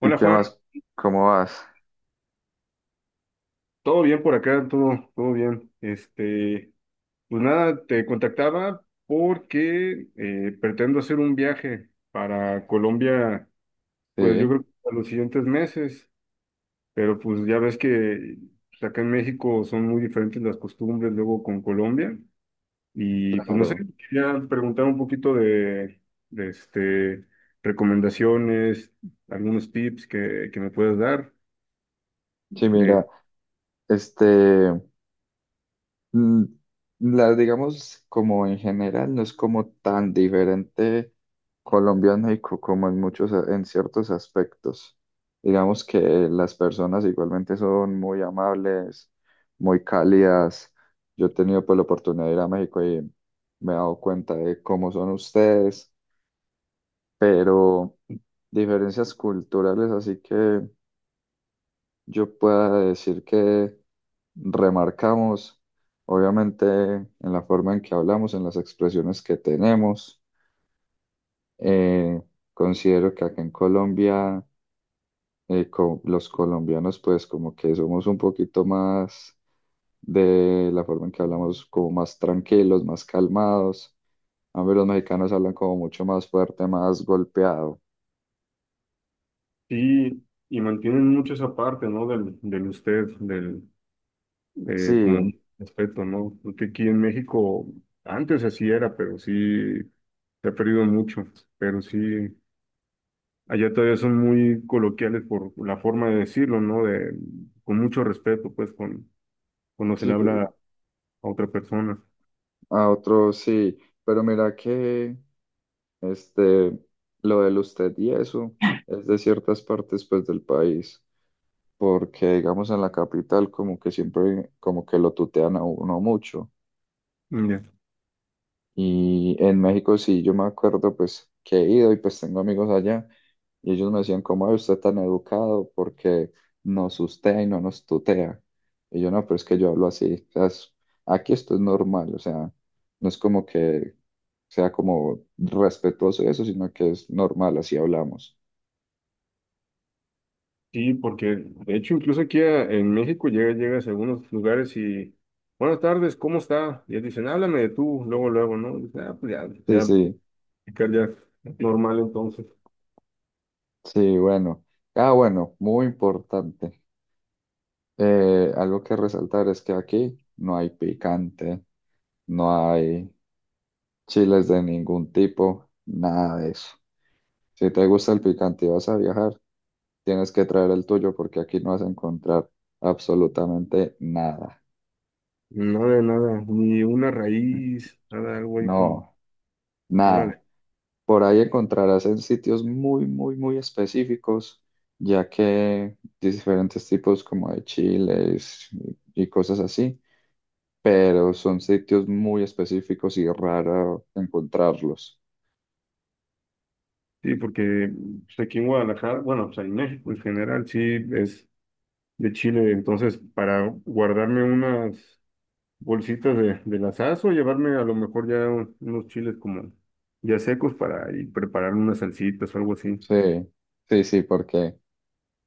¿Y Hola qué Juan, más? ¿Cómo vas? todo bien por acá, todo bien. Pues nada, te contactaba porque pretendo hacer un viaje para Colombia, pues yo Sí, creo que a los siguientes meses, pero pues ya ves que pues, acá en México son muy diferentes las costumbres luego con Colombia y pues no sé, claro. quería preguntar un poquito de recomendaciones, algunos tips que me puedas dar. Sí, mira, De este, mm, la digamos como en general no es como tan diferente Colombia a México como en muchos, en ciertos aspectos. Digamos que las personas igualmente son muy amables, muy cálidas. Yo he tenido pues la oportunidad de ir a México y me he dado cuenta de cómo son ustedes, pero diferencias culturales, así que yo pueda decir que remarcamos, obviamente, en la forma en que hablamos, en las expresiones que tenemos. Eh, Considero que acá en Colombia, los colombianos, pues como que somos un poquito más de la forma en que hablamos, como más tranquilos, más calmados. A ver, los mexicanos hablan como mucho más fuerte, más golpeado. Sí, y mantienen mucho esa parte, ¿no? Del usted, del, Sí, de, como respeto, ¿no? Porque aquí en México antes así era, pero sí se ha perdido mucho, pero sí, allá todavía son muy coloquiales por la forma de decirlo, ¿no? De, con mucho respeto, pues, con, cuando se le sí, habla a otra persona. a otros sí, pero mira que... Este, lo del usted y eso es de ciertas partes pues del país, porque digamos en la capital como que siempre como que lo tutean a uno mucho. Ya. Y en México sí, yo me acuerdo pues que he ido y pues tengo amigos allá y ellos me decían, ¿cómo es usted tan educado? Porque nos ustea y no nos tutea. Y yo no, pero es que yo hablo así, o sea, aquí esto es normal, o sea, no es como que sea como respetuoso y eso, sino que es normal, así hablamos. Sí, porque de hecho incluso aquí en México llegas a algunos lugares y buenas tardes, ¿cómo está? Y ellos dicen, háblame de tú, luego, luego, ¿no? Y dices, ah, pues ya, Sí, ya, sí, platicar ya normal entonces. sí, bueno. Ah, bueno, muy importante. Algo que resaltar es que aquí no hay picante, no hay chiles de ningún tipo, nada de eso. Si te gusta el picante y vas a viajar, tienes que traer el tuyo porque aquí no vas a encontrar absolutamente nada. Nada, de nada, ni una raíz, nada, algo ahí como, No, órale. nada. Por ahí encontrarás en sitios muy, muy, muy específicos, ya que diferentes tipos como de chiles y cosas así, pero son sitios muy específicos y raro encontrarlos. Sí, porque pues, aquí en Guadalajara, bueno, pues en México en general, sí, es de Chile, entonces para guardarme unas bolsitas de las o llevarme a lo mejor ya unos chiles como ya secos para ir preparar unas salsitas o algo así. Sí, sí, sí, porque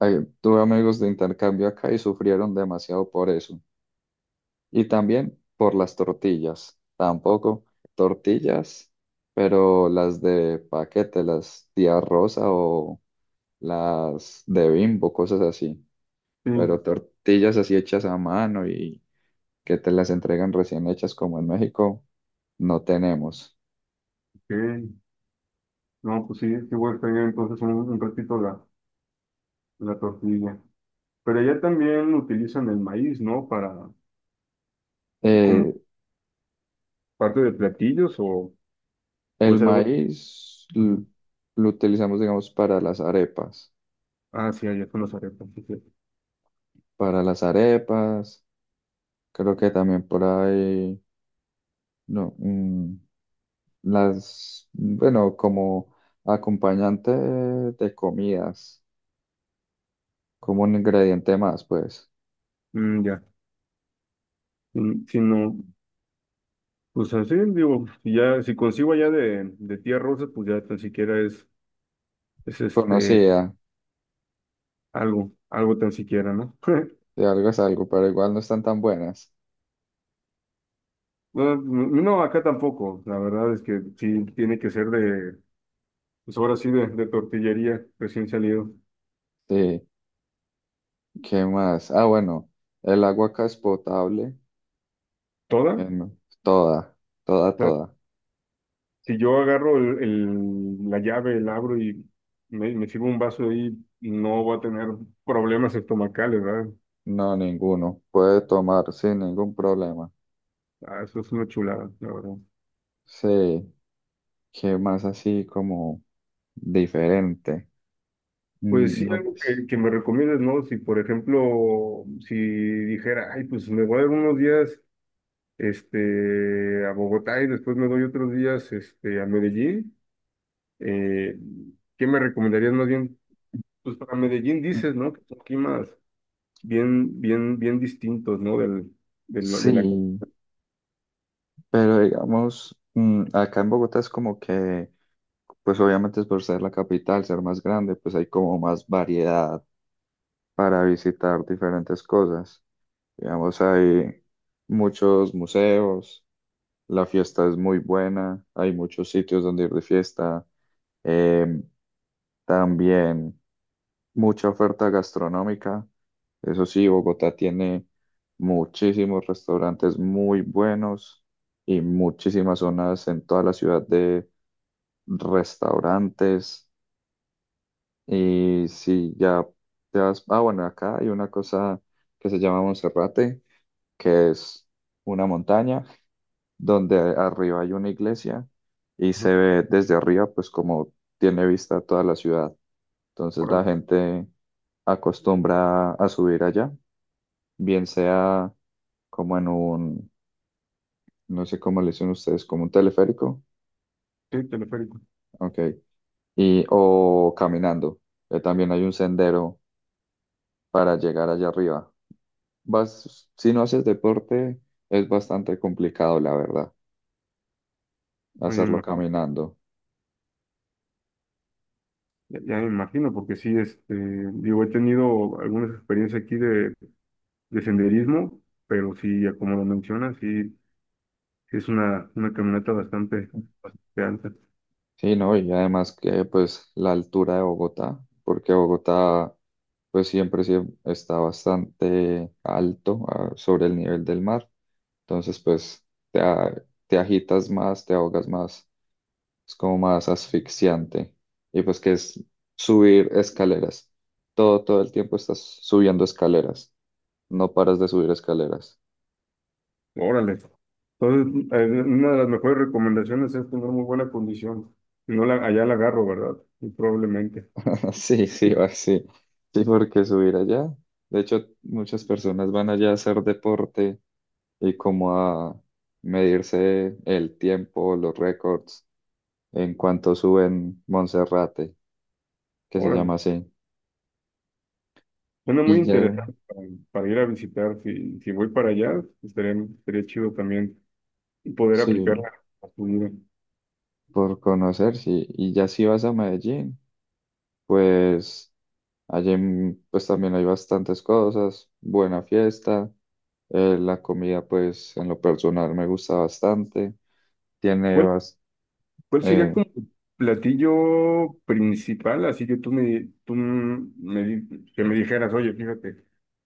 tuve amigos de intercambio acá y sufrieron demasiado por eso. Y también por las tortillas, tampoco tortillas, pero las de paquete, las Tía Rosa o las de Bimbo, cosas así. Sí, Pero tortillas así hechas a mano y que te las entregan recién hechas como en México, no tenemos. ok. No, pues sí, sí voy a extrañar entonces un ratito la tortilla. Pero allá también utilizan el maíz, ¿no? Para, como Eh, parte de platillos o El pues algo. maíz l- Ujú. lo utilizamos, digamos, para las arepas. Ah, sí, allá con los arepas. Sí, sí. Para las arepas, creo que también por ahí, no, las, bueno, como acompañante de comidas, como un ingrediente más, pues, Mm, ya. Mm, si no, pues así digo, si ya, si consigo allá de tía Rosa, pues ya tan siquiera es este. conocida, Algo, algo tan siquiera, ¿no? de algo es algo, pero igual no están tan buenas. No, no, acá tampoco. La verdad es que sí tiene que ser de, pues ahora sí, de tortillería recién salido. Sí, ¿qué más? Ah, bueno, el agua acá es potable, ¿Toda? O en toda, toda, sea, toda. si yo agarro la llave, el abro y me sirvo un vaso ahí, no voy a tener problemas estomacales, ¿verdad? No, ninguno. Puede tomar sin ningún problema. Ah, eso es una chulada, la verdad. Sí, que más así como diferente. Pues sí, No, algo pues, que me recomiendes, ¿no? Si, por ejemplo, si dijera, ay, pues me voy a dar unos días este, a Bogotá y después me doy otros días, este, a Medellín. Eh, ¿Qué me recomendarías más bien? Pues para Medellín mm, dices, ¿no? Que son climas bien distintos, ¿no? De la cap- sí, pero digamos, acá en Bogotá es como que, pues obviamente es por ser la capital, ser más grande, pues hay como más variedad para visitar diferentes cosas. Digamos, hay muchos museos, la fiesta es muy buena, hay muchos sitios donde ir de fiesta. em, También, mucha oferta gastronómica. Eso sí, Bogotá tiene muchísimos restaurantes muy buenos y muchísimas zonas en toda la ciudad de restaurantes. Y si ya te vas, ah, bueno, acá hay una cosa que se llama Monserrate, que es una montaña donde arriba hay una iglesia y ¿no? se ve desde arriba, pues como tiene vista toda la ciudad. Entonces Órale, la gente acostumbra a subir allá, bien sea como en un, no sé cómo le dicen ustedes, como un teleférico, sí, teleférico. ok, y, o caminando, que también hay un sendero para llegar allá arriba. Vas, si no haces deporte, es bastante complicado, la verdad, Ya me hacerlo imagino, caminando. Ya me imagino, porque sí, este, digo, he tenido algunas experiencias aquí de senderismo, pero sí, ya como lo mencionas, sí, sí es una caminata bastante alta. Sí, no, y además que pues la altura de Bogotá, porque Bogotá pues siempre, está bastante alto, sobre el nivel del mar. Entonces, pues te, te agitas más, te ahogas más, es como más asfixiante. Y pues que es subir escaleras. Todo, todo el tiempo estás subiendo escaleras, no paras de subir escaleras. Órale. Entonces, una de las mejores recomendaciones es tener muy buena condición. Si no, la, allá la agarro, ¿verdad? Y probablemente. Sí, sí, va, sí. Sí, porque subir allá. De hecho, muchas personas van allá a hacer deporte y como a medirse el tiempo, los récords en cuanto suben Monserrate, que se Órale. llama así. Suena muy Y ya, interesante para ir a visitar. Si, si voy para allá, estaría chido también poder sí, aplicarla a tu vida. por conocer, sí. Y ya si vas a Medellín, pues allí pues también hay bastantes cosas, buena fiesta, la comida pues en lo personal me gusta bastante, tiene, Bueno, ¿cuál sería eh, como tu platillo principal? Así que que me dijeras, oye, fíjate,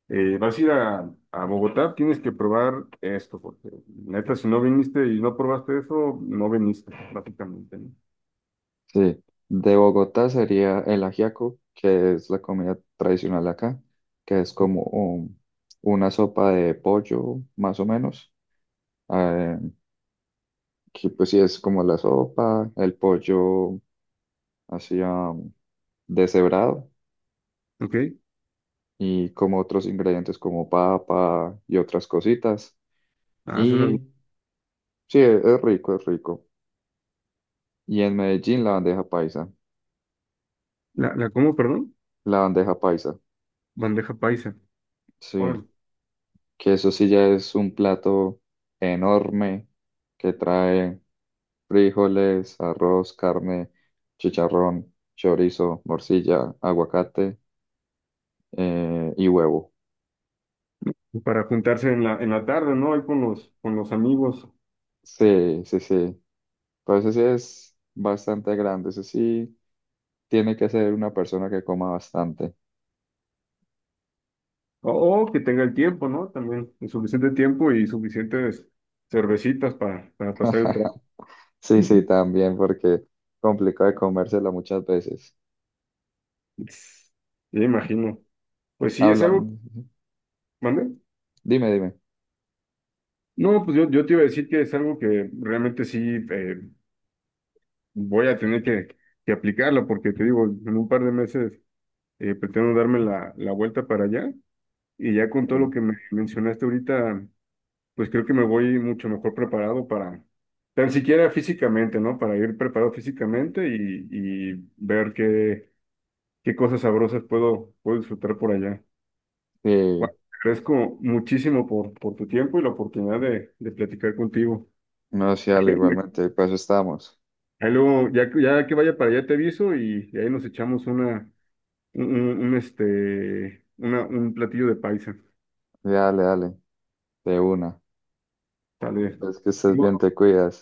vas a ir a Bogotá, tienes que probar esto, porque neta, si no viniste y no probaste eso, no viniste, básicamente, ¿no? sí, de Bogotá sería el ajiaco, que es la comida tradicional de acá, que es como una sopa de pollo, más o menos, eh, que pues sí es como la sopa, el pollo así deshebrado Ok, y como otros ingredientes como papa y otras cositas. ah, suena bien. Y sí, es rico, es rico. Y en Medellín ¿La, la cómo, perdón? la bandeja paisa, Bandeja paisa. sí, Órale. que eso sí ya es un plato enorme que trae frijoles, arroz, carne, chicharrón, chorizo, morcilla, aguacate, y huevo. Para juntarse en en la tarde, ¿no? Ahí con los amigos. Sí, sí, sí. Pero ese sí es bastante grande, ese sí tiene que ser una persona que coma bastante. O, o que tenga el tiempo, ¿no? También, el suficiente tiempo y suficientes cervecitas para pasar el trabajo. Sí, sí, Ujú. también, porque complicado de comérsela muchas veces. Me imagino. Pues sí, es Hablan, algo, ¿mande? dime, dime. No, yo te iba a decir que es algo que realmente sí eh, voy a tener que aplicarlo, porque te digo, en un par de meses pretendo darme la vuelta para allá y ya con todo lo Sí, que me mencionaste ahorita, pues creo que me voy mucho mejor preparado para, tan siquiera físicamente, ¿no? Para ir preparado físicamente y ver qué, qué cosas sabrosas puedo, puedo disfrutar por allá. sí, Bueno, te agradezco muchísimo por tu tiempo y la oportunidad de platicar contigo. no, sí, dale, Ahí, igualmente, para eso estamos. ahí luego, ya, ya que vaya para allá te aviso y ahí nos echamos una, un, este, una, un platillo de paisa. Sí, dale, dale, de una. Tal vez. Es que estés bien, te cuidas.